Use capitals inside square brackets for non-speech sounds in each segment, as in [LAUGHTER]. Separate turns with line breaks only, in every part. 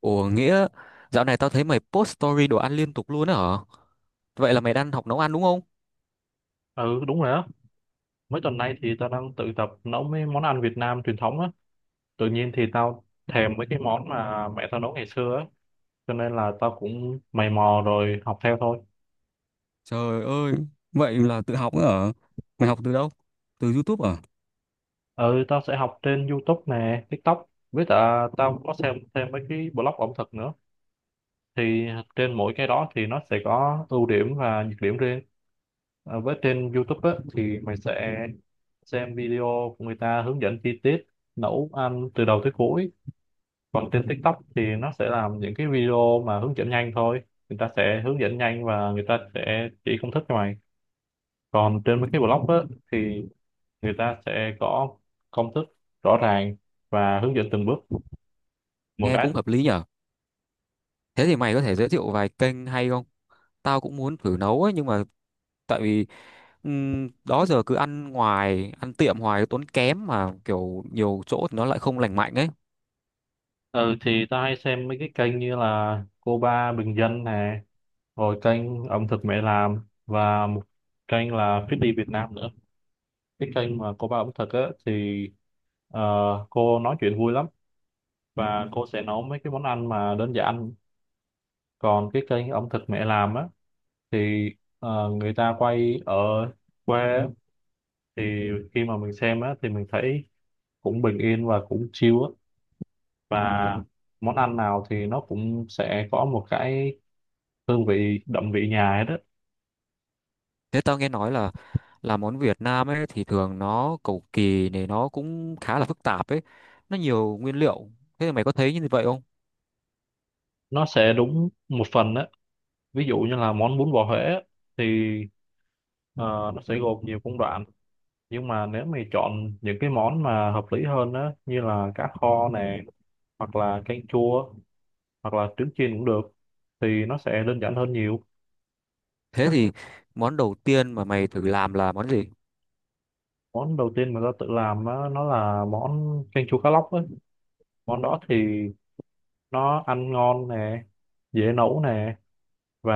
Ủa nghĩa dạo này tao thấy mày post story đồ ăn liên tục luôn á hả? Vậy là mày đang học nấu ăn đúng không?
Ừ đúng rồi á. Mấy tuần nay thì tao đang tự tập nấu mấy món ăn Việt Nam truyền thống á. Tự nhiên thì tao thèm mấy cái món mà mẹ tao nấu ngày xưa á, cho nên là tao cũng mày mò rồi học theo thôi.
Trời ơi, vậy là tự học nữa hả? Mày học từ đâu? Từ YouTube à?
Ừ tao sẽ học trên YouTube nè, TikTok. Với cả tao có xem thêm mấy cái blog ẩm thực nữa. Thì trên mỗi cái đó thì nó sẽ có ưu điểm và nhược điểm riêng. Với trên YouTube á thì mày sẽ xem video của người ta hướng dẫn chi tiết nấu ăn từ đầu tới cuối. Còn trên TikTok thì nó sẽ làm những cái video mà hướng dẫn nhanh thôi, người ta sẽ hướng dẫn nhanh và người ta sẽ chỉ công thức cho mày. Còn trên mấy cái blog á, thì người ta sẽ có công thức rõ ràng và hướng dẫn từng bước một
Nghe
cách
cũng hợp lý nhở. Thế thì mày có thể giới thiệu vài kênh hay không? Tao cũng muốn thử nấu ấy nhưng mà tại vì đó giờ cứ ăn ngoài, ăn tiệm hoài tốn kém mà kiểu nhiều chỗ thì nó lại không lành mạnh ấy.
ừ, thì ta hay xem mấy cái kênh như là cô ba bình dân nè, rồi kênh ẩm thực mẹ làm, và một kênh là Fit đi Việt Nam nữa. Cái kênh mà cô ba ẩm thực á, thì ờ, cô nói chuyện vui lắm và cô sẽ nấu mấy cái món ăn mà đơn giản. Còn cái kênh ẩm thực mẹ làm á thì người ta quay ở quê á, thì khi mà mình xem á thì mình thấy cũng bình yên và cũng chill á, và món ăn nào thì nó cũng sẽ có một cái hương vị đậm vị nhà ấy đó.
Thế tao nghe nói là món Việt Nam ấy thì thường nó cầu kỳ này nó cũng khá là phức tạp ấy, nó nhiều nguyên liệu. Thế thì mày có thấy như vậy không?
Nó sẽ đúng một phần á, ví dụ như là món bún bò Huế á, thì ờ, nó sẽ gồm nhiều công đoạn, nhưng mà nếu mày chọn những cái món mà hợp lý hơn á như là cá kho nè, hoặc là canh chua, hoặc là trứng chiên cũng được thì nó sẽ đơn giản hơn nhiều.
Thế thì món đầu tiên mà mày thử làm là món gì?
Món đầu tiên mà ta tự làm á, nó là món canh chua cá lóc ấy. Món đó thì nó ăn ngon nè, dễ nấu nè, và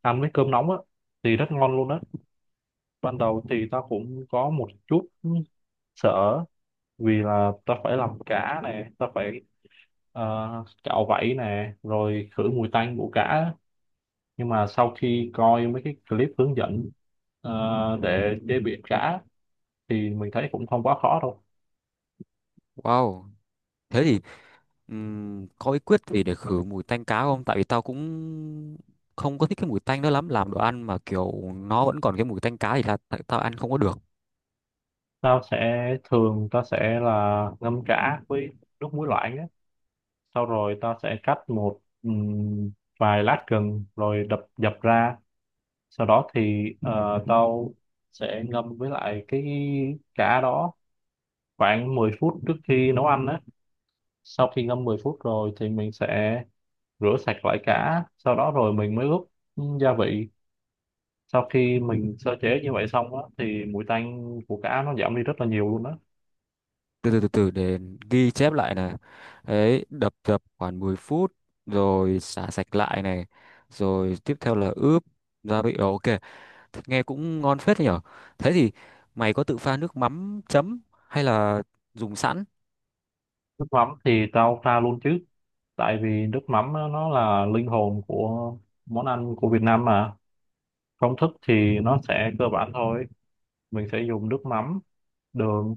ăn với cơm nóng á, thì rất ngon luôn á. Ban đầu thì ta cũng có một chút sợ vì là ta phải làm cá nè, ta phải ờ, cạo vảy nè rồi khử mùi tanh của cá á. Nhưng mà sau khi coi mấy cái clip hướng dẫn để chế biến cá thì mình thấy cũng không quá khó đâu.
Wow. Thế thì có bí quyết gì để khử mùi tanh cá không? Tại vì tao cũng không có thích cái mùi tanh đó lắm, làm đồ ăn mà kiểu nó vẫn còn cái mùi tanh cá thì là tại tao ăn không có được.
Tao sẽ là ngâm chả với nước muối loãng á, sau rồi tao sẽ cắt một vài lát gừng rồi đập dập ra. Sau đó thì tao sẽ ngâm với lại cái chả đó khoảng 10 phút trước khi nấu ăn á. Sau khi ngâm 10 phút rồi thì mình sẽ rửa sạch lại chả, sau đó rồi mình mới ướp gia vị. Sau khi mình sơ chế như vậy xong á thì mùi tanh của cá nó giảm đi rất là nhiều luôn á.
Từ từ từ từ, để ghi chép lại này, đấy, đập dập khoảng 10 phút, rồi xả sạch lại này, rồi tiếp theo là ướp gia vị. Ồ, ok. Thế nghe cũng ngon phết đấy nhở. Thế thì mày có tự pha nước mắm chấm hay là dùng sẵn?
Nước mắm thì tao pha luôn chứ, tại vì nước mắm á, nó là linh hồn của món ăn của Việt Nam mà. Công thức thì nó sẽ cơ bản thôi, mình sẽ dùng nước mắm, đường,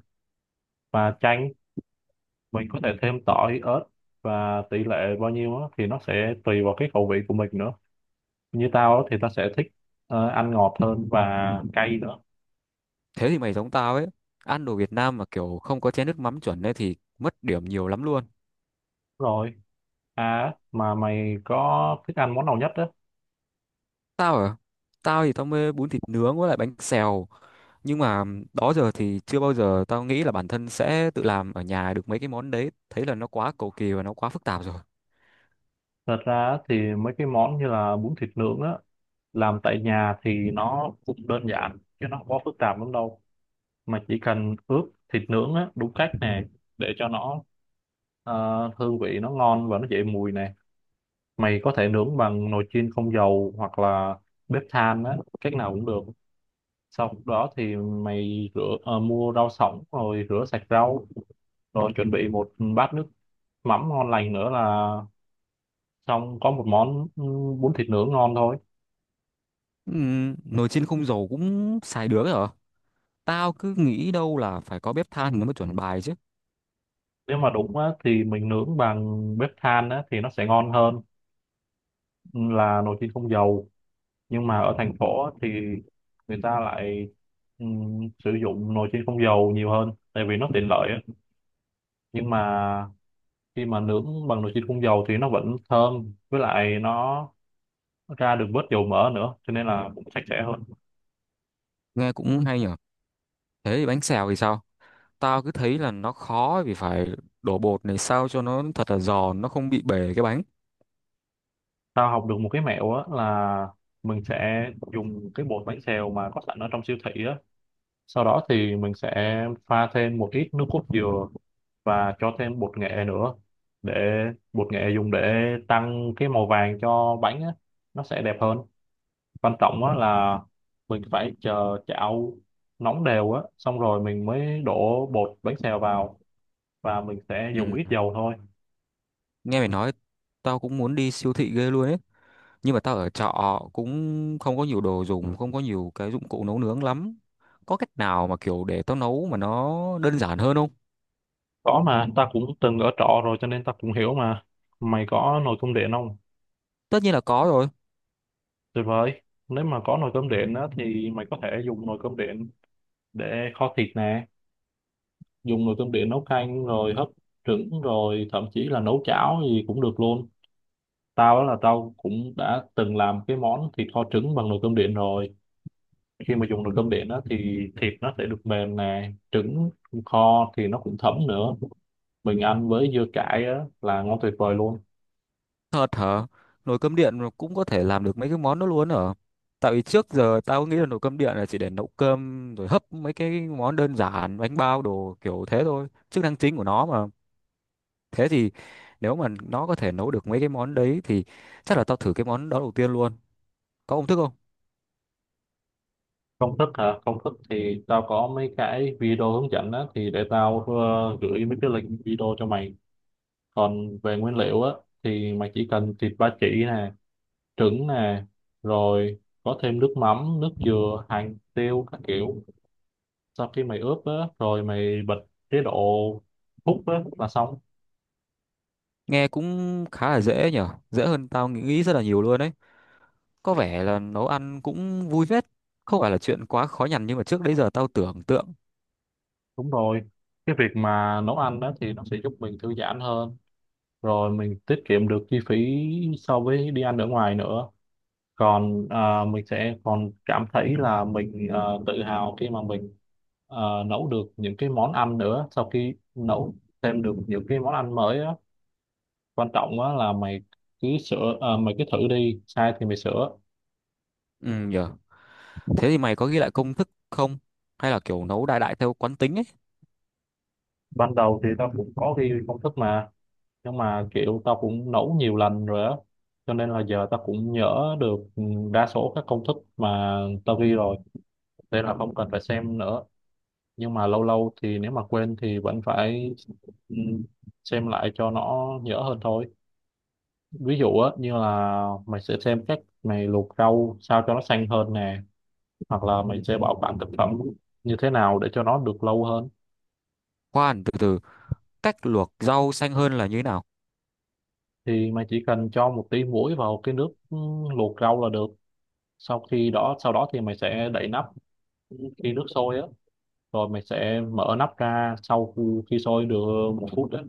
và chanh. Mình có thể thêm tỏi ớt, và tỷ lệ bao nhiêu á, thì nó sẽ tùy vào cái khẩu vị của mình nữa. Như tao á, thì tao sẽ thích ăn ngọt hơn và cay nữa.
Thế thì mày giống tao ấy, ăn đồ Việt Nam mà kiểu không có chén nước mắm chuẩn ấy thì mất điểm nhiều lắm luôn.
Rồi, à mà mày có thích ăn món nào nhất á?
Tao à? Tao thì tao mê bún thịt nướng với lại bánh xèo. Nhưng mà đó giờ thì chưa bao giờ tao nghĩ là bản thân sẽ tự làm ở nhà được mấy cái món đấy. Thấy là nó quá cầu kỳ và nó quá phức tạp rồi.
Thật ra á, thì mấy cái món như là bún thịt nướng á, làm tại nhà thì nó cũng đơn giản chứ nó không có phức tạp lắm đâu, mà chỉ cần ướp thịt nướng á, đúng cách nè, để cho nó hương vị nó ngon và nó dậy mùi nè. Mày có thể nướng bằng nồi chiên không dầu hoặc là bếp than á, cách nào cũng được. Sau đó thì mày rửa mua rau sống rồi rửa sạch rau, rồi chuẩn bị một bát nước mắm ngon lành nữa là xong, có một món bún thịt nướng ngon thôi.
Nồi chiên không dầu cũng xài được ấy hả? Tao cứ nghĩ đâu là phải có bếp than nó mới chuẩn bài chứ.
Nếu mà đúng á, thì mình nướng bằng bếp than á, thì nó sẽ ngon hơn là nồi chiên không dầu. Nhưng mà ở thành phố á thì người ta lại sử dụng nồi chiên không dầu nhiều hơn tại vì nó tiện lợi á. Nhưng mà khi mà nướng bằng nồi chiên không dầu thì nó vẫn thơm, với lại nó ra được bớt dầu mỡ nữa, cho nên là cũng sạch sẽ hơn.
Nghe cũng hay nhở. Thế thì bánh xèo thì sao? Tao cứ thấy là nó khó vì phải đổ bột này sao cho nó thật là giòn, nó không bị bể cái bánh.
Tao học được một cái mẹo á là mình sẽ dùng cái bột bánh xèo mà có sẵn ở trong siêu thị á. Sau đó thì mình sẽ pha thêm một ít nước cốt dừa và cho thêm bột nghệ nữa. Để bột nghệ dùng để tăng cái màu vàng cho bánh á, nó sẽ đẹp hơn. Quan trọng á là mình phải chờ chảo nóng đều á, xong rồi mình mới đổ bột bánh xèo vào, và mình sẽ dùng
Ừm,
ít dầu thôi.
Nghe mày nói, tao cũng muốn đi siêu thị ghê luôn ấy. Nhưng mà tao ở trọ cũng không có nhiều đồ dùng, không có nhiều cái dụng cụ nấu nướng lắm. Có cách nào mà kiểu để tao nấu mà nó đơn giản hơn không?
Có mà, ta cũng từng ở trọ rồi cho nên ta cũng hiểu mà. Mày có nồi cơm điện không?
Tất nhiên là có rồi.
Tuyệt vời. Nếu mà có nồi cơm điện á thì mày có thể dùng nồi cơm điện để kho thịt nè, dùng nồi cơm điện nấu canh, rồi hấp trứng, rồi thậm chí là nấu cháo gì cũng được luôn. Tao đó là Tao cũng đã từng làm cái món thịt kho trứng bằng nồi cơm điện rồi. Khi mà dùng nồi cơm điện đó thì thịt nó sẽ được mềm nè, trứng kho thì nó cũng thấm nữa, mình ăn với dưa cải á, là ngon tuyệt vời luôn.
Thật hả? Nồi cơm điện mà cũng có thể làm được mấy cái món đó luôn hả? Tại vì trước giờ tao nghĩ là nồi cơm điện là chỉ để nấu cơm rồi hấp mấy cái món đơn giản, bánh bao đồ kiểu thế thôi, chức năng chính của nó mà. Thế thì nếu mà nó có thể nấu được mấy cái món đấy thì chắc là tao thử cái món đó đầu tiên luôn. Có công thức không?
Công thức hả? Công thức thì tao có mấy cái video hướng dẫn á, thì để tao gửi mấy cái link video cho mày. Còn về nguyên liệu á thì mày chỉ cần thịt ba chỉ nè, trứng nè, rồi có thêm nước mắm, nước dừa, hành tiêu các kiểu. Sau khi mày ướp á rồi mày bật chế độ hút á là xong.
Nghe cũng khá là dễ nhở, dễ hơn tao nghĩ nghĩ rất là nhiều luôn đấy. Có vẻ là nấu ăn cũng vui phết, không phải là chuyện quá khó nhằn nhưng mà trước đấy giờ tao tưởng tượng.
Đúng rồi, cái việc mà nấu ăn đó thì nó sẽ giúp mình thư giãn hơn, rồi mình tiết kiệm được chi phí so với đi ăn ở ngoài nữa. Còn à, mình sẽ còn cảm thấy là mình tự hào khi mà mình à, nấu được những cái món ăn nữa, sau khi nấu thêm được những cái món ăn mới á. Quan trọng á là mày mày cứ thử đi, sai thì mày sửa.
Ừ nhở, thế thì mày có ghi lại công thức không? Hay là kiểu nấu đại đại theo quán tính ấy?
Ban đầu thì tao cũng có ghi công thức mà, nhưng mà kiểu tao cũng nấu nhiều lần rồi á, cho nên là giờ tao cũng nhớ được đa số các công thức mà tao ghi rồi, thế là không cần phải xem nữa. Nhưng mà lâu lâu thì nếu mà quên thì vẫn phải ừ, xem lại cho nó nhớ hơn thôi. Ví dụ á như là mày sẽ xem cách mày luộc rau sao cho nó xanh hơn nè, hoặc là mày sẽ bảo quản thực phẩm như thế nào để cho nó được lâu hơn.
Khoan, từ từ, cách luộc rau xanh hơn là như thế nào?
Thì mày chỉ cần cho một tí muối vào cái nước luộc rau là được. Sau đó thì mày sẽ đậy nắp khi nước sôi á, rồi mày sẽ mở nắp ra sau khi khi sôi được 1 phút á.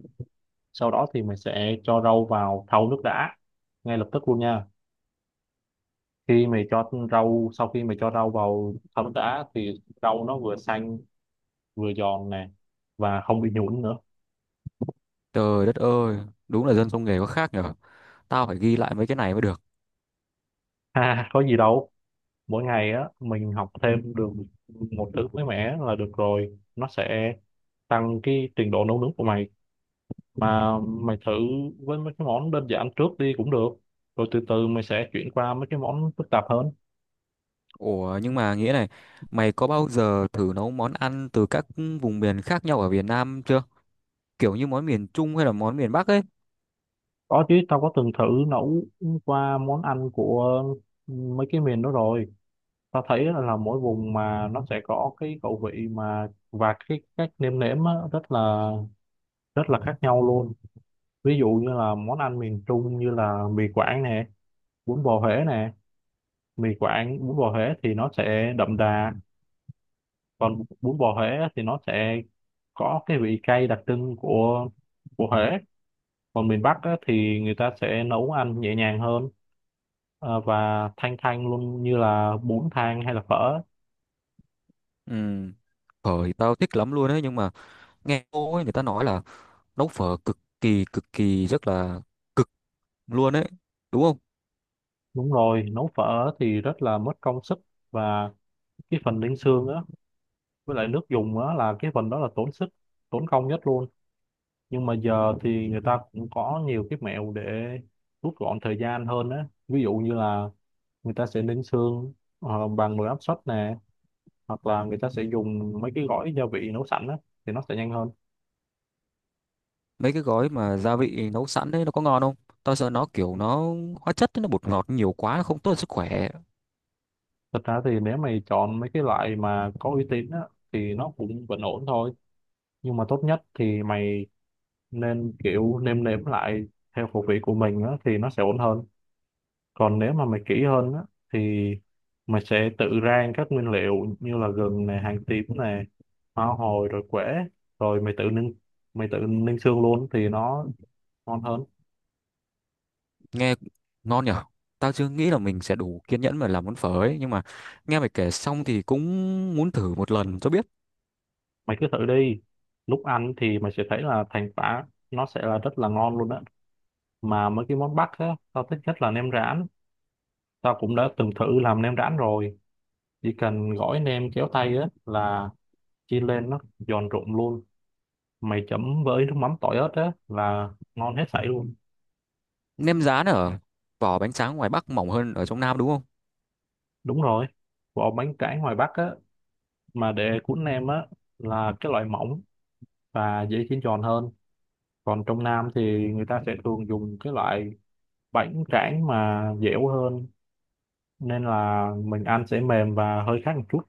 Sau đó thì mày sẽ cho rau vào thau nước đã, ngay lập tức luôn nha. Khi mày cho rau Sau khi mày cho rau vào thau nước đã thì rau nó vừa xanh, vừa giòn nè, và không bị nhũn nữa.
Trời đất ơi, đúng là dân trong nghề có khác nhở. Tao phải ghi lại mấy cái này mới được.
[LAUGHS] Ha, có gì đâu. Mỗi ngày á mình học thêm được một thứ mới mẻ là được rồi, nó sẽ tăng cái trình độ nấu nướng của mày. Mà mày thử với mấy cái món đơn giản trước đi cũng được, rồi từ từ mày sẽ chuyển qua mấy cái món phức tạp hơn.
Ủa nhưng mà nghĩa này, mày có bao giờ thử nấu món ăn từ các vùng miền khác nhau ở Việt Nam chưa? Kiểu như món miền Trung hay là món miền Bắc ấy?
Có chứ, tao có từng thử nấu qua món ăn của mấy cái miền đó rồi. Tao thấy là mỗi vùng mà nó sẽ có cái khẩu vị mà và cái cách nêm nếm á, rất là khác nhau luôn. Ví dụ như là món ăn miền Trung như là mì Quảng nè, bún bò Huế nè, mì Quảng bún bò Huế thì nó sẽ đậm đà. Còn bún bò Huế thì nó sẽ có cái vị cay đặc trưng của Huế. Còn miền Bắc á, thì người ta sẽ nấu ăn nhẹ nhàng hơn, và thanh thanh luôn, như là bún thang hay là phở.
Ừ. Phở thì tao thích lắm luôn ấy, nhưng mà nghe cô ấy người ta nói là nấu phở cực kỳ rất là cực luôn ấy, đúng không?
Đúng rồi, nấu phở thì rất là mất công sức, và cái phần ninh xương á với lại nước dùng á là cái phần đó là tốn sức tốn công nhất luôn. Nhưng mà giờ thì người ta cũng có nhiều cái mẹo để rút gọn thời gian hơn á, ví dụ như là người ta sẽ ninh xương bằng nồi áp suất nè, hoặc là người ta sẽ dùng mấy cái gói gia vị nấu sẵn á, thì nó sẽ nhanh hơn.
Mấy cái gói mà gia vị nấu sẵn ấy nó có ngon không? Tao sợ nó kiểu nó hóa chất ấy, nó bột ngọt nhiều quá nó không tốt cho sức khỏe.
Thật ra thì nếu mày chọn mấy cái loại mà có uy tín á thì nó cũng vẫn ổn thôi, nhưng mà tốt nhất thì mày nên kiểu nêm nếm lại theo khẩu vị của mình á thì nó sẽ ổn hơn. Còn nếu mà mày kỹ hơn á thì mày sẽ tự rang các nguyên liệu như là gừng này, hành tím này, hoa hồi rồi quế, rồi mày tự ninh xương luôn thì nó ngon hơn.
Nghe ngon nhở. Tao chưa nghĩ là mình sẽ đủ kiên nhẫn mà làm món phở ấy, nhưng mà nghe mày kể xong thì cũng muốn thử một lần cho biết.
Mày cứ thử đi, lúc ăn thì mày sẽ thấy là thành quả nó sẽ là rất là ngon luôn á. Mà mấy cái món Bắc á tao thích nhất là nem rán. Tao cũng đã từng thử làm nem rán rồi, chỉ cần gói nem kéo tay á là chiên lên nó giòn rụm luôn. Mày chấm với nước mắm tỏi ớt á là ngon hết sảy luôn.
Nem rán ở vỏ bánh tráng ngoài Bắc mỏng hơn ở trong Nam đúng không?
Đúng rồi, vỏ bánh tráng ngoài Bắc á mà để cuốn nem á là cái loại mỏng và dễ chiên giòn hơn. Còn trong Nam thì người ta sẽ thường dùng cái loại bánh tráng mà dẻo hơn, nên là mình ăn sẽ mềm và hơi khác một chút.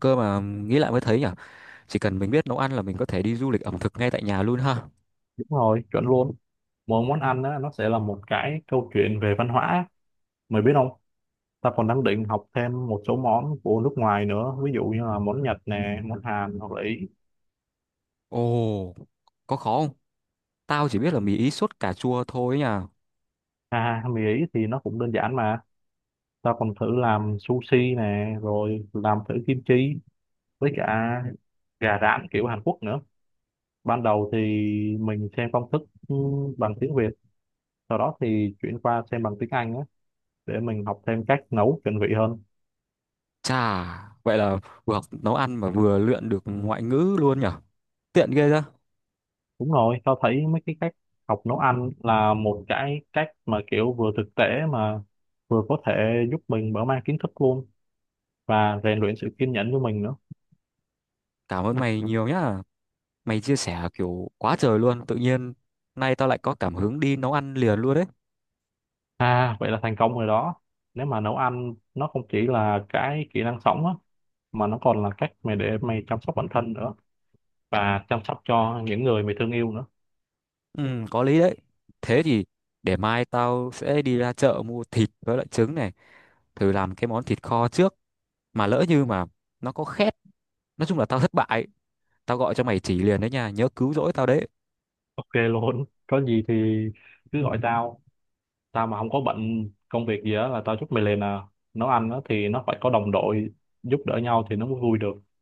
Cơ mà nghĩ lại mới thấy nhở, chỉ cần mình biết nấu ăn là mình có thể đi du lịch ẩm thực ngay tại nhà luôn ha.
Đúng rồi, chuẩn luôn. Mỗi món ăn á, nó sẽ là một cái câu chuyện về văn hóa, mày biết không? Ta còn đang định học thêm một số món của nước ngoài nữa, ví dụ như là món Nhật nè, món Hàn, hoặc là Ý.
Ồ, có khó không? Tao chỉ biết là mì Ý sốt cà chua thôi nha.
À, mì Ý thì nó cũng đơn giản mà. Ta còn thử làm sushi nè, rồi làm thử kim chi, với cả gà rán kiểu Hàn Quốc nữa. Ban đầu thì mình xem công thức ừ, bằng tiếng Việt, sau đó thì chuyển qua xem bằng tiếng Anh á, để mình học thêm cách nấu chuẩn vị hơn.
Chà, vậy là vừa học nấu ăn mà vừa luyện được ngoại ngữ luôn nhỉ? Tiện ghê ra.
Đúng rồi, tao thấy mấy cái cách học nấu ăn là một cái cách mà kiểu vừa thực tế, mà vừa có thể giúp mình mở mang kiến thức luôn, và rèn luyện sự kiên nhẫn của mình nữa.
Cảm ơn mày nhiều nhá. Mày chia sẻ kiểu quá trời luôn. Tự nhiên nay tao lại có cảm hứng đi nấu ăn liền luôn đấy.
À vậy là thành công rồi đó. Nếu mà nấu ăn nó không chỉ là cái kỹ năng sống á, mà nó còn là cách mày để mày chăm sóc bản thân nữa, và chăm sóc cho những người mày thương yêu nữa.
Ừ, có lý đấy. Thế thì để mai tao sẽ đi ra chợ mua thịt với lại trứng này. Thử làm cái món thịt kho trước. Mà lỡ như mà nó có khét, nói chung là tao thất bại, tao gọi cho mày chỉ liền đấy nha, nhớ cứu rỗi tao đấy.
Ok luôn, có gì thì cứ gọi tao, tao mà không có bận công việc gì á là tao giúp mày liền à. Nấu ăn á thì nó phải có đồng đội, giúp đỡ nhau thì nó mới vui được.